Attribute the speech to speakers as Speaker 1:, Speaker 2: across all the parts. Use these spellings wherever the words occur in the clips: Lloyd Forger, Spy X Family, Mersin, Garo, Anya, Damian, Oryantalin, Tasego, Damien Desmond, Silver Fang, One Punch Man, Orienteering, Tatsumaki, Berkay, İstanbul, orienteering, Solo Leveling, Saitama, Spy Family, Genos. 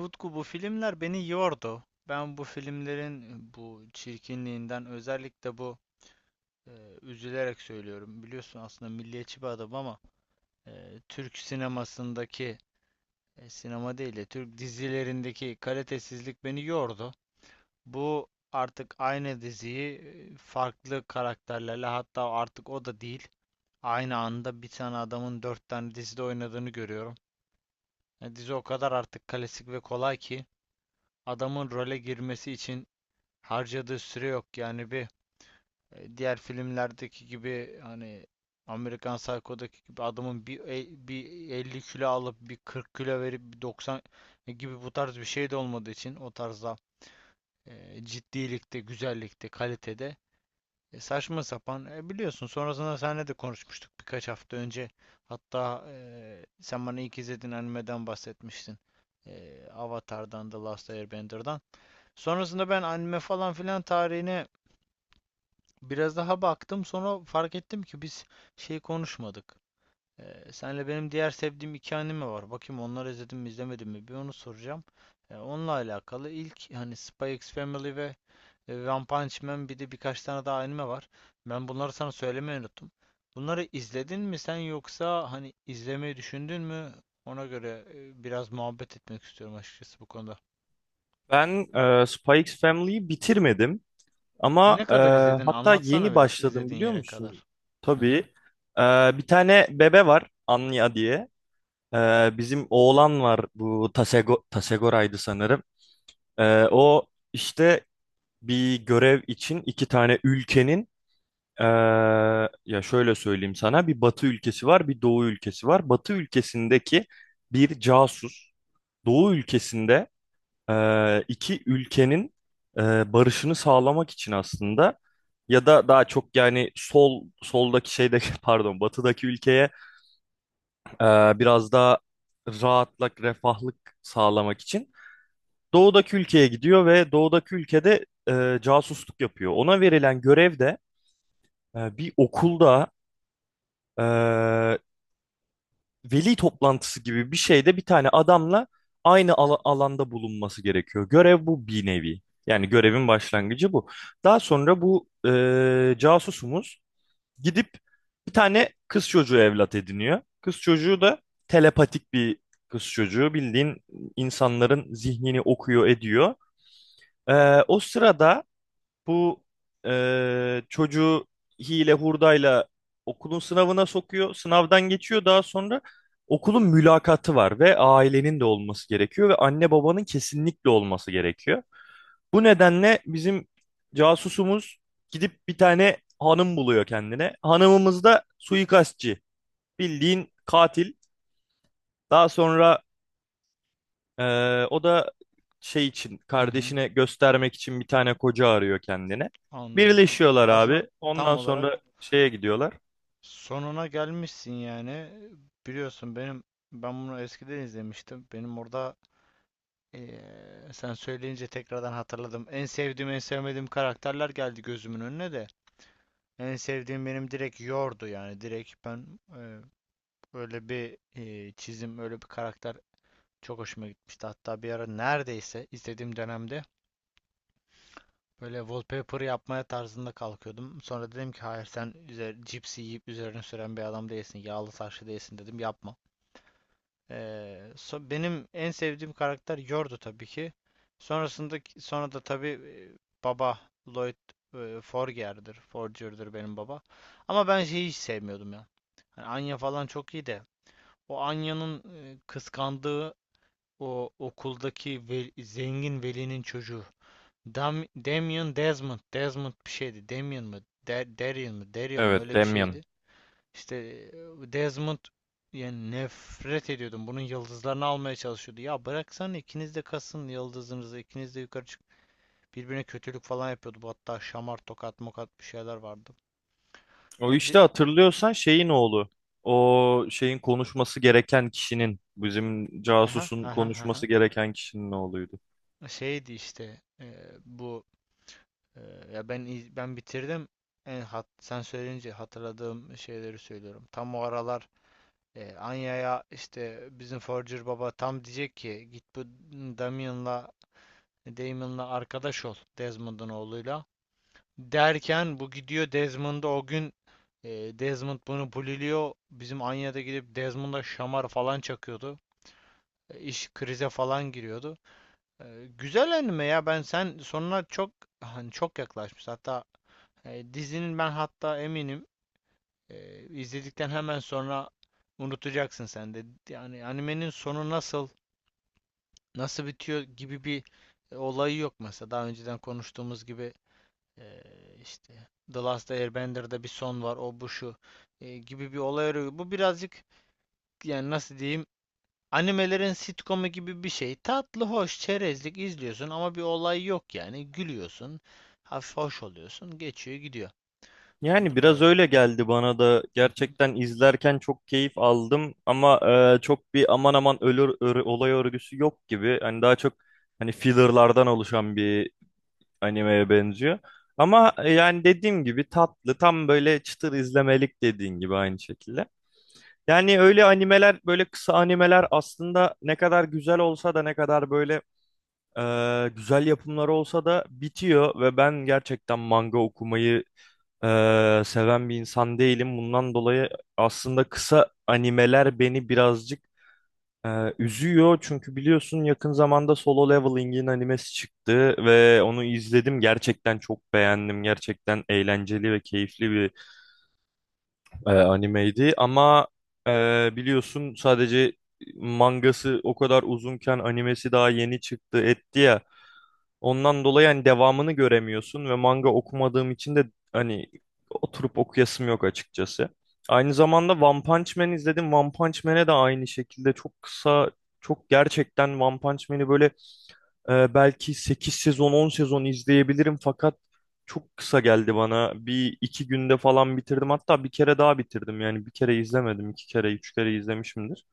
Speaker 1: Utku bu filmler beni yordu. Ben bu filmlerin bu çirkinliğinden özellikle bu e, üzülerek söylüyorum. Biliyorsun aslında milliyetçi bir adam ama Türk sinemasındaki sinema değil de Türk dizilerindeki kalitesizlik beni yordu. Bu artık aynı diziyi farklı karakterlerle, hatta artık o da değil. Aynı anda bir tane adamın dört tane dizide oynadığını görüyorum. Dizi o kadar artık klasik ve kolay ki adamın role girmesi için harcadığı süre yok. Yani bir diğer filmlerdeki gibi, hani Amerikan Psycho'daki gibi adamın bir 50 kilo alıp bir 40 kilo verip bir 90 gibi bu tarz bir şey de olmadığı için o tarzda ciddilikte, güzellikte, kalitede saçma sapan, biliyorsun. Sonrasında seninle de konuşmuştuk birkaç hafta önce. Hatta sen bana ilk izlediğin animeden bahsetmiştin. Avatar'dan, The Last Airbender'dan. Sonrasında ben anime falan filan tarihine biraz daha baktım, sonra fark ettim ki biz şey konuşmadık. Senle benim diğer sevdiğim iki anime var. Bakayım onları izledim mi izlemedim mi, bir onu soracağım. Onunla alakalı ilk, hani Spy X Family ve One Punch Man, bir de birkaç tane daha anime var. Ben bunları sana söylemeyi unuttum. Bunları izledin mi sen, yoksa hani izlemeyi düşündün mü? Ona göre biraz muhabbet etmek istiyorum açıkçası bu konuda.
Speaker 2: Ben Spy Family'yi bitirmedim ama
Speaker 1: Ne kadar izledin?
Speaker 2: hatta
Speaker 1: Anlatsana
Speaker 2: yeni
Speaker 1: biraz
Speaker 2: başladım
Speaker 1: izlediğin
Speaker 2: biliyor
Speaker 1: yere
Speaker 2: musun?
Speaker 1: kadar. Hı
Speaker 2: Tabii.
Speaker 1: hı.
Speaker 2: E, bir tane bebe var Anya diye. Bizim oğlan var bu Tasego, Tasegora'ydı sanırım. O işte bir görev için iki tane ülkenin e, ya şöyle söyleyeyim sana, bir batı ülkesi var, bir doğu ülkesi var. Batı ülkesindeki bir casus. Doğu ülkesinde iki ülkenin barışını sağlamak için, aslında ya da daha çok, yani soldaki şeyde pardon batıdaki ülkeye e, biraz daha rahatlık, refahlık sağlamak için doğudaki ülkeye gidiyor ve doğudaki ülkede casusluk yapıyor. Ona verilen görev de bir okulda veli toplantısı gibi bir şeyde bir tane adamla aynı alanda bulunması gerekiyor. Görev bu, bir nevi. Yani görevin başlangıcı bu. Daha sonra bu casusumuz gidip bir tane kız çocuğu evlat ediniyor. Kız çocuğu da telepatik bir kız çocuğu. Bildiğin insanların zihnini okuyor ediyor. E, o sırada bu çocuğu hile hurdayla okulun sınavına sokuyor. Sınavdan geçiyor. Daha sonra okulun mülakatı var ve ailenin de olması gerekiyor ve anne babanın kesinlikle olması gerekiyor. Bu nedenle bizim casusumuz gidip bir tane hanım buluyor kendine. Hanımımız da suikastçı. Bildiğin katil. Daha sonra o da şey için,
Speaker 1: Hı hı.
Speaker 2: kardeşine göstermek için, bir tane koca arıyor kendine.
Speaker 1: Anladım.
Speaker 2: Birleşiyorlar
Speaker 1: Aslında
Speaker 2: abi. Ondan
Speaker 1: tam olarak
Speaker 2: sonra şeye gidiyorlar.
Speaker 1: sonuna gelmişsin yani. Biliyorsun benim, ben bunu eskiden izlemiştim. Benim orada sen söyleyince tekrardan hatırladım. En sevdiğim, en sevmediğim karakterler geldi gözümün önüne de. En sevdiğim benim direkt Yor'du yani. Direkt ben, öyle bir çizim, öyle bir karakter çok hoşuma gitmişti. Hatta bir ara, neredeyse istediğim dönemde böyle wallpaper yapmaya tarzında kalkıyordum. Sonra dedim ki hayır, sen üzer, cipsi yiyip üzerine süren bir adam değilsin. Yağlı taşlı değilsin, dedim, yapma. Benim en sevdiğim karakter Yordu tabii ki. Sonrasında, sonra da tabii baba Lloyd Forger'dir. Forger'dır benim baba. Ama ben şeyi hiç sevmiyordum ya. Hani Anya falan çok iyi de, o Anya'nın kıskandığı o okuldaki zengin velinin çocuğu. Damien Desmond. Desmond bir şeydi. Damien mı? De Daryl mı? Daryl mı?
Speaker 2: Evet,
Speaker 1: Öyle bir
Speaker 2: Damian.
Speaker 1: şeydi. İşte Desmond, yani nefret ediyordum. Bunun yıldızlarını almaya çalışıyordu. Ya bıraksana, ikiniz de kasın yıldızınızı. İkiniz de yukarı çık. Birbirine kötülük falan yapıyordu. Bu, hatta şamar, tokat, mokat bir şeyler vardı.
Speaker 2: O
Speaker 1: Ya
Speaker 2: işte
Speaker 1: de-
Speaker 2: hatırlıyorsan şeyin oğlu. O şeyin konuşması gereken kişinin, bizim
Speaker 1: aha,
Speaker 2: casusun
Speaker 1: aha, aha.
Speaker 2: konuşması gereken kişinin oğluydu.
Speaker 1: Şeydi işte, bu e, ya ben bitirdim. Sen söyleyince hatırladığım şeyleri söylüyorum. Tam o aralar Anya'ya işte bizim Forger baba tam diyecek ki git bu Damian'la, Damon'la arkadaş ol, Desmond'un oğluyla. Derken bu gidiyor Desmond'a o gün, e, Desmond bunu buliliyor. Bizim Anya'da gidip Desmond'a şamar falan çakıyordu. İş krize falan giriyordu. Güzel anime ya, ben sonuna çok, hani çok yaklaşmış. Hatta dizinin, ben hatta eminim izledikten hemen sonra unutacaksın sen de. Yani animenin sonu nasıl bitiyor gibi bir olayı yok mesela. Daha önceden konuştuğumuz gibi e, işte The Last Airbender'da bir son var, o bu şu gibi bir olay arıyor. Bu birazcık, yani nasıl diyeyim, animelerin sitcomu gibi bir şey. Tatlı, hoş, çerezlik izliyorsun ama bir olay yok yani. Gülüyorsun, hafif hoş oluyorsun, geçiyor gidiyor, bu
Speaker 2: Yani biraz
Speaker 1: tarzda.
Speaker 2: öyle geldi bana da.
Speaker 1: Hı hı.
Speaker 2: Gerçekten izlerken çok keyif aldım ama çok bir aman aman olay örgüsü yok gibi. Hani daha çok, hani fillerlardan oluşan bir animeye benziyor. Ama yani dediğim gibi tatlı, tam böyle çıtır izlemelik, dediğin gibi, aynı şekilde. Yani öyle animeler, böyle kısa animeler aslında ne kadar güzel olsa da, ne kadar böyle güzel yapımları olsa da bitiyor ve ben gerçekten manga okumayı seven bir insan değilim. Bundan dolayı aslında kısa animeler beni birazcık üzüyor, çünkü biliyorsun yakın zamanda Solo Leveling'in animesi çıktı ve onu izledim. Gerçekten çok beğendim. Gerçekten eğlenceli ve keyifli bir animeydi. Ama e, biliyorsun, sadece mangası o kadar uzunken animesi daha yeni çıktı etti ya. Ondan dolayı hani devamını göremiyorsun ve manga okumadığım için de hani oturup okuyasım yok açıkçası. Aynı zamanda One Punch Man izledim. One Punch Man'e de aynı şekilde çok kısa, çok, gerçekten One Punch Man'i böyle belki 8 sezon, 10 sezon izleyebilirim fakat çok kısa geldi bana. Bir iki günde falan bitirdim. Hatta bir kere daha bitirdim. Yani bir kere izlemedim, iki kere, üç kere izlemişimdir.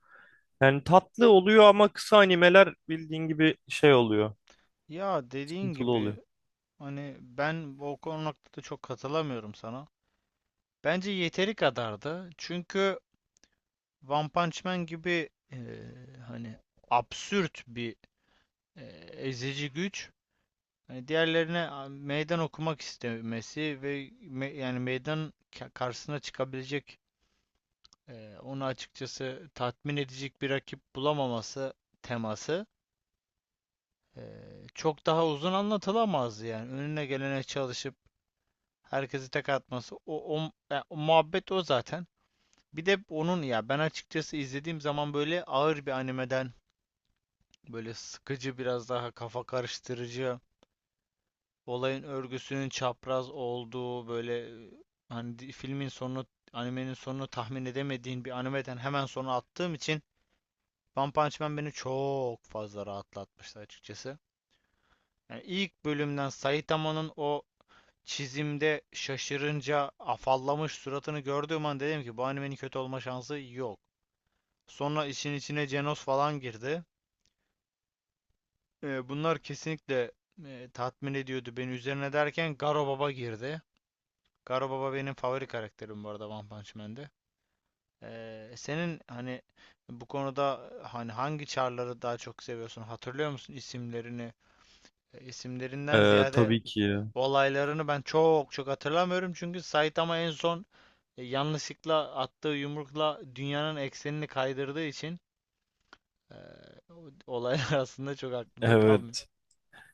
Speaker 2: Yani tatlı oluyor ama kısa animeler bildiğin gibi şey oluyor.
Speaker 1: Ya dediğin
Speaker 2: Sıkıntılı
Speaker 1: gibi,
Speaker 2: oluyor.
Speaker 1: hani ben o konuda da çok katılamıyorum sana. Bence yeteri kadardı. Çünkü One Punch Man gibi, hani absürt bir e, ezici güç, hani diğerlerine meydan okumak istemesi ve yani meydan, karşısına çıkabilecek onu açıkçası tatmin edecek bir rakip bulamaması teması e, çok daha uzun anlatılamazdı, yani önüne gelene çalışıp herkesi tek atması, o muhabbet, o zaten, bir de onun, ya ben açıkçası izlediğim zaman böyle ağır bir animeden, böyle sıkıcı, biraz daha kafa karıştırıcı, olayın örgüsünün çapraz olduğu böyle, e, hani filmin sonunu, animenin sonunu tahmin edemediğin bir animeden hemen sonra attığım için One Punch Man beni çok fazla rahatlatmıştı açıkçası. Yani ilk bölümden Saitama'nın o çizimde şaşırınca afallamış suratını gördüğüm an dedim ki, bu animenin kötü olma şansı yok. Sonra işin içine Genos falan girdi. Bunlar kesinlikle tatmin ediyordu beni. Üzerine derken Garo Baba girdi. Garo Baba benim favori karakterim bu arada One Punch Man'de. Senin hani bu konuda, hani hangi çarları daha çok seviyorsun? Hatırlıyor musun isimlerini? İsimlerinden
Speaker 2: Ee,
Speaker 1: ziyade
Speaker 2: tabii ki.
Speaker 1: olaylarını ben çok çok hatırlamıyorum. Çünkü Saitama en son yanlışlıkla attığı yumrukla dünyanın eksenini kaydırdığı için e, olaylar aslında çok aklımda kalmıyor.
Speaker 2: Evet.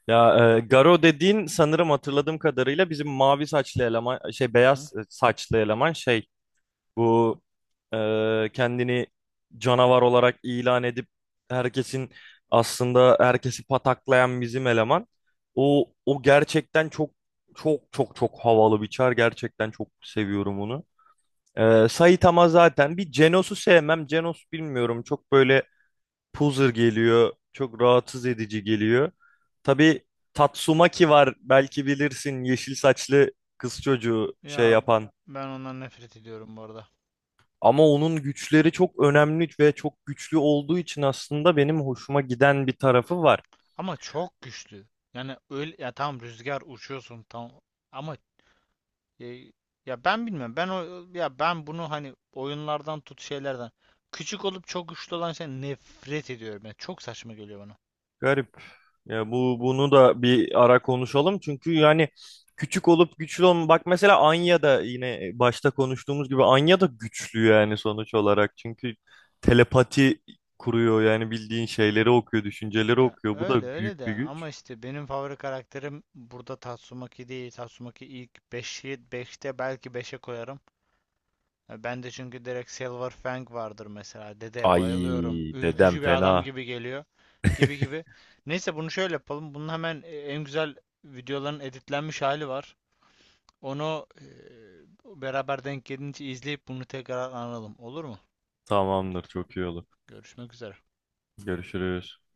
Speaker 2: Ya Garo dediğin, sanırım hatırladığım kadarıyla, bizim mavi saçlı eleman, şey,
Speaker 1: Hı hı.
Speaker 2: beyaz saçlı eleman, şey, bu kendini canavar olarak ilan edip herkesin, aslında herkesi pataklayan bizim eleman. O gerçekten çok çok çok çok havalı bir çar. Gerçekten çok seviyorum onu. Saitama zaten bir, Genos'u sevmem. Genos bilmiyorum, çok böyle Puzzer geliyor. Çok rahatsız edici geliyor. Tabii Tatsumaki var. Belki bilirsin, yeşil saçlı kız çocuğu, şey
Speaker 1: Ya
Speaker 2: yapan.
Speaker 1: ben ondan nefret ediyorum bu arada.
Speaker 2: Ama onun güçleri çok önemli ve çok güçlü olduğu için aslında benim hoşuma giden bir tarafı var.
Speaker 1: Ama çok güçlü. Yani öyle ya, tam rüzgar uçuyorsun tam, ama e, ya ben bilmiyorum. Ben o, ya ben bunu hani oyunlardan tut şeylerden, küçük olup çok güçlü olan şey, nefret ediyorum. Yani çok saçma geliyor bana.
Speaker 2: Garip. Ya bunu da bir ara konuşalım. Çünkü yani küçük olup güçlü olma. Bak mesela Anya da, yine başta konuştuğumuz gibi, Anya da güçlü yani sonuç olarak. Çünkü telepati kuruyor, yani bildiğin şeyleri okuyor, düşünceleri
Speaker 1: Ya
Speaker 2: okuyor. Bu
Speaker 1: öyle
Speaker 2: da
Speaker 1: öyle
Speaker 2: büyük
Speaker 1: de,
Speaker 2: bir güç.
Speaker 1: ama işte benim favori karakterim burada Tatsumaki değil. Tatsumaki ilk 5'i, beşte belki, beşe koyarım. Ya ben de, çünkü direkt Silver Fang vardır mesela. Dede bayılıyorum.
Speaker 2: Ay dedem
Speaker 1: Ürkücü bir adam
Speaker 2: fena.
Speaker 1: gibi geliyor. Gibi gibi. Neyse bunu şöyle yapalım. Bunun hemen en güzel videoların editlenmiş hali var. Onu beraber denk gelince izleyip bunu tekrar analım. Olur mu?
Speaker 2: Tamamdır, çok iyi olur.
Speaker 1: Görüşmek üzere.
Speaker 2: Görüşürüz.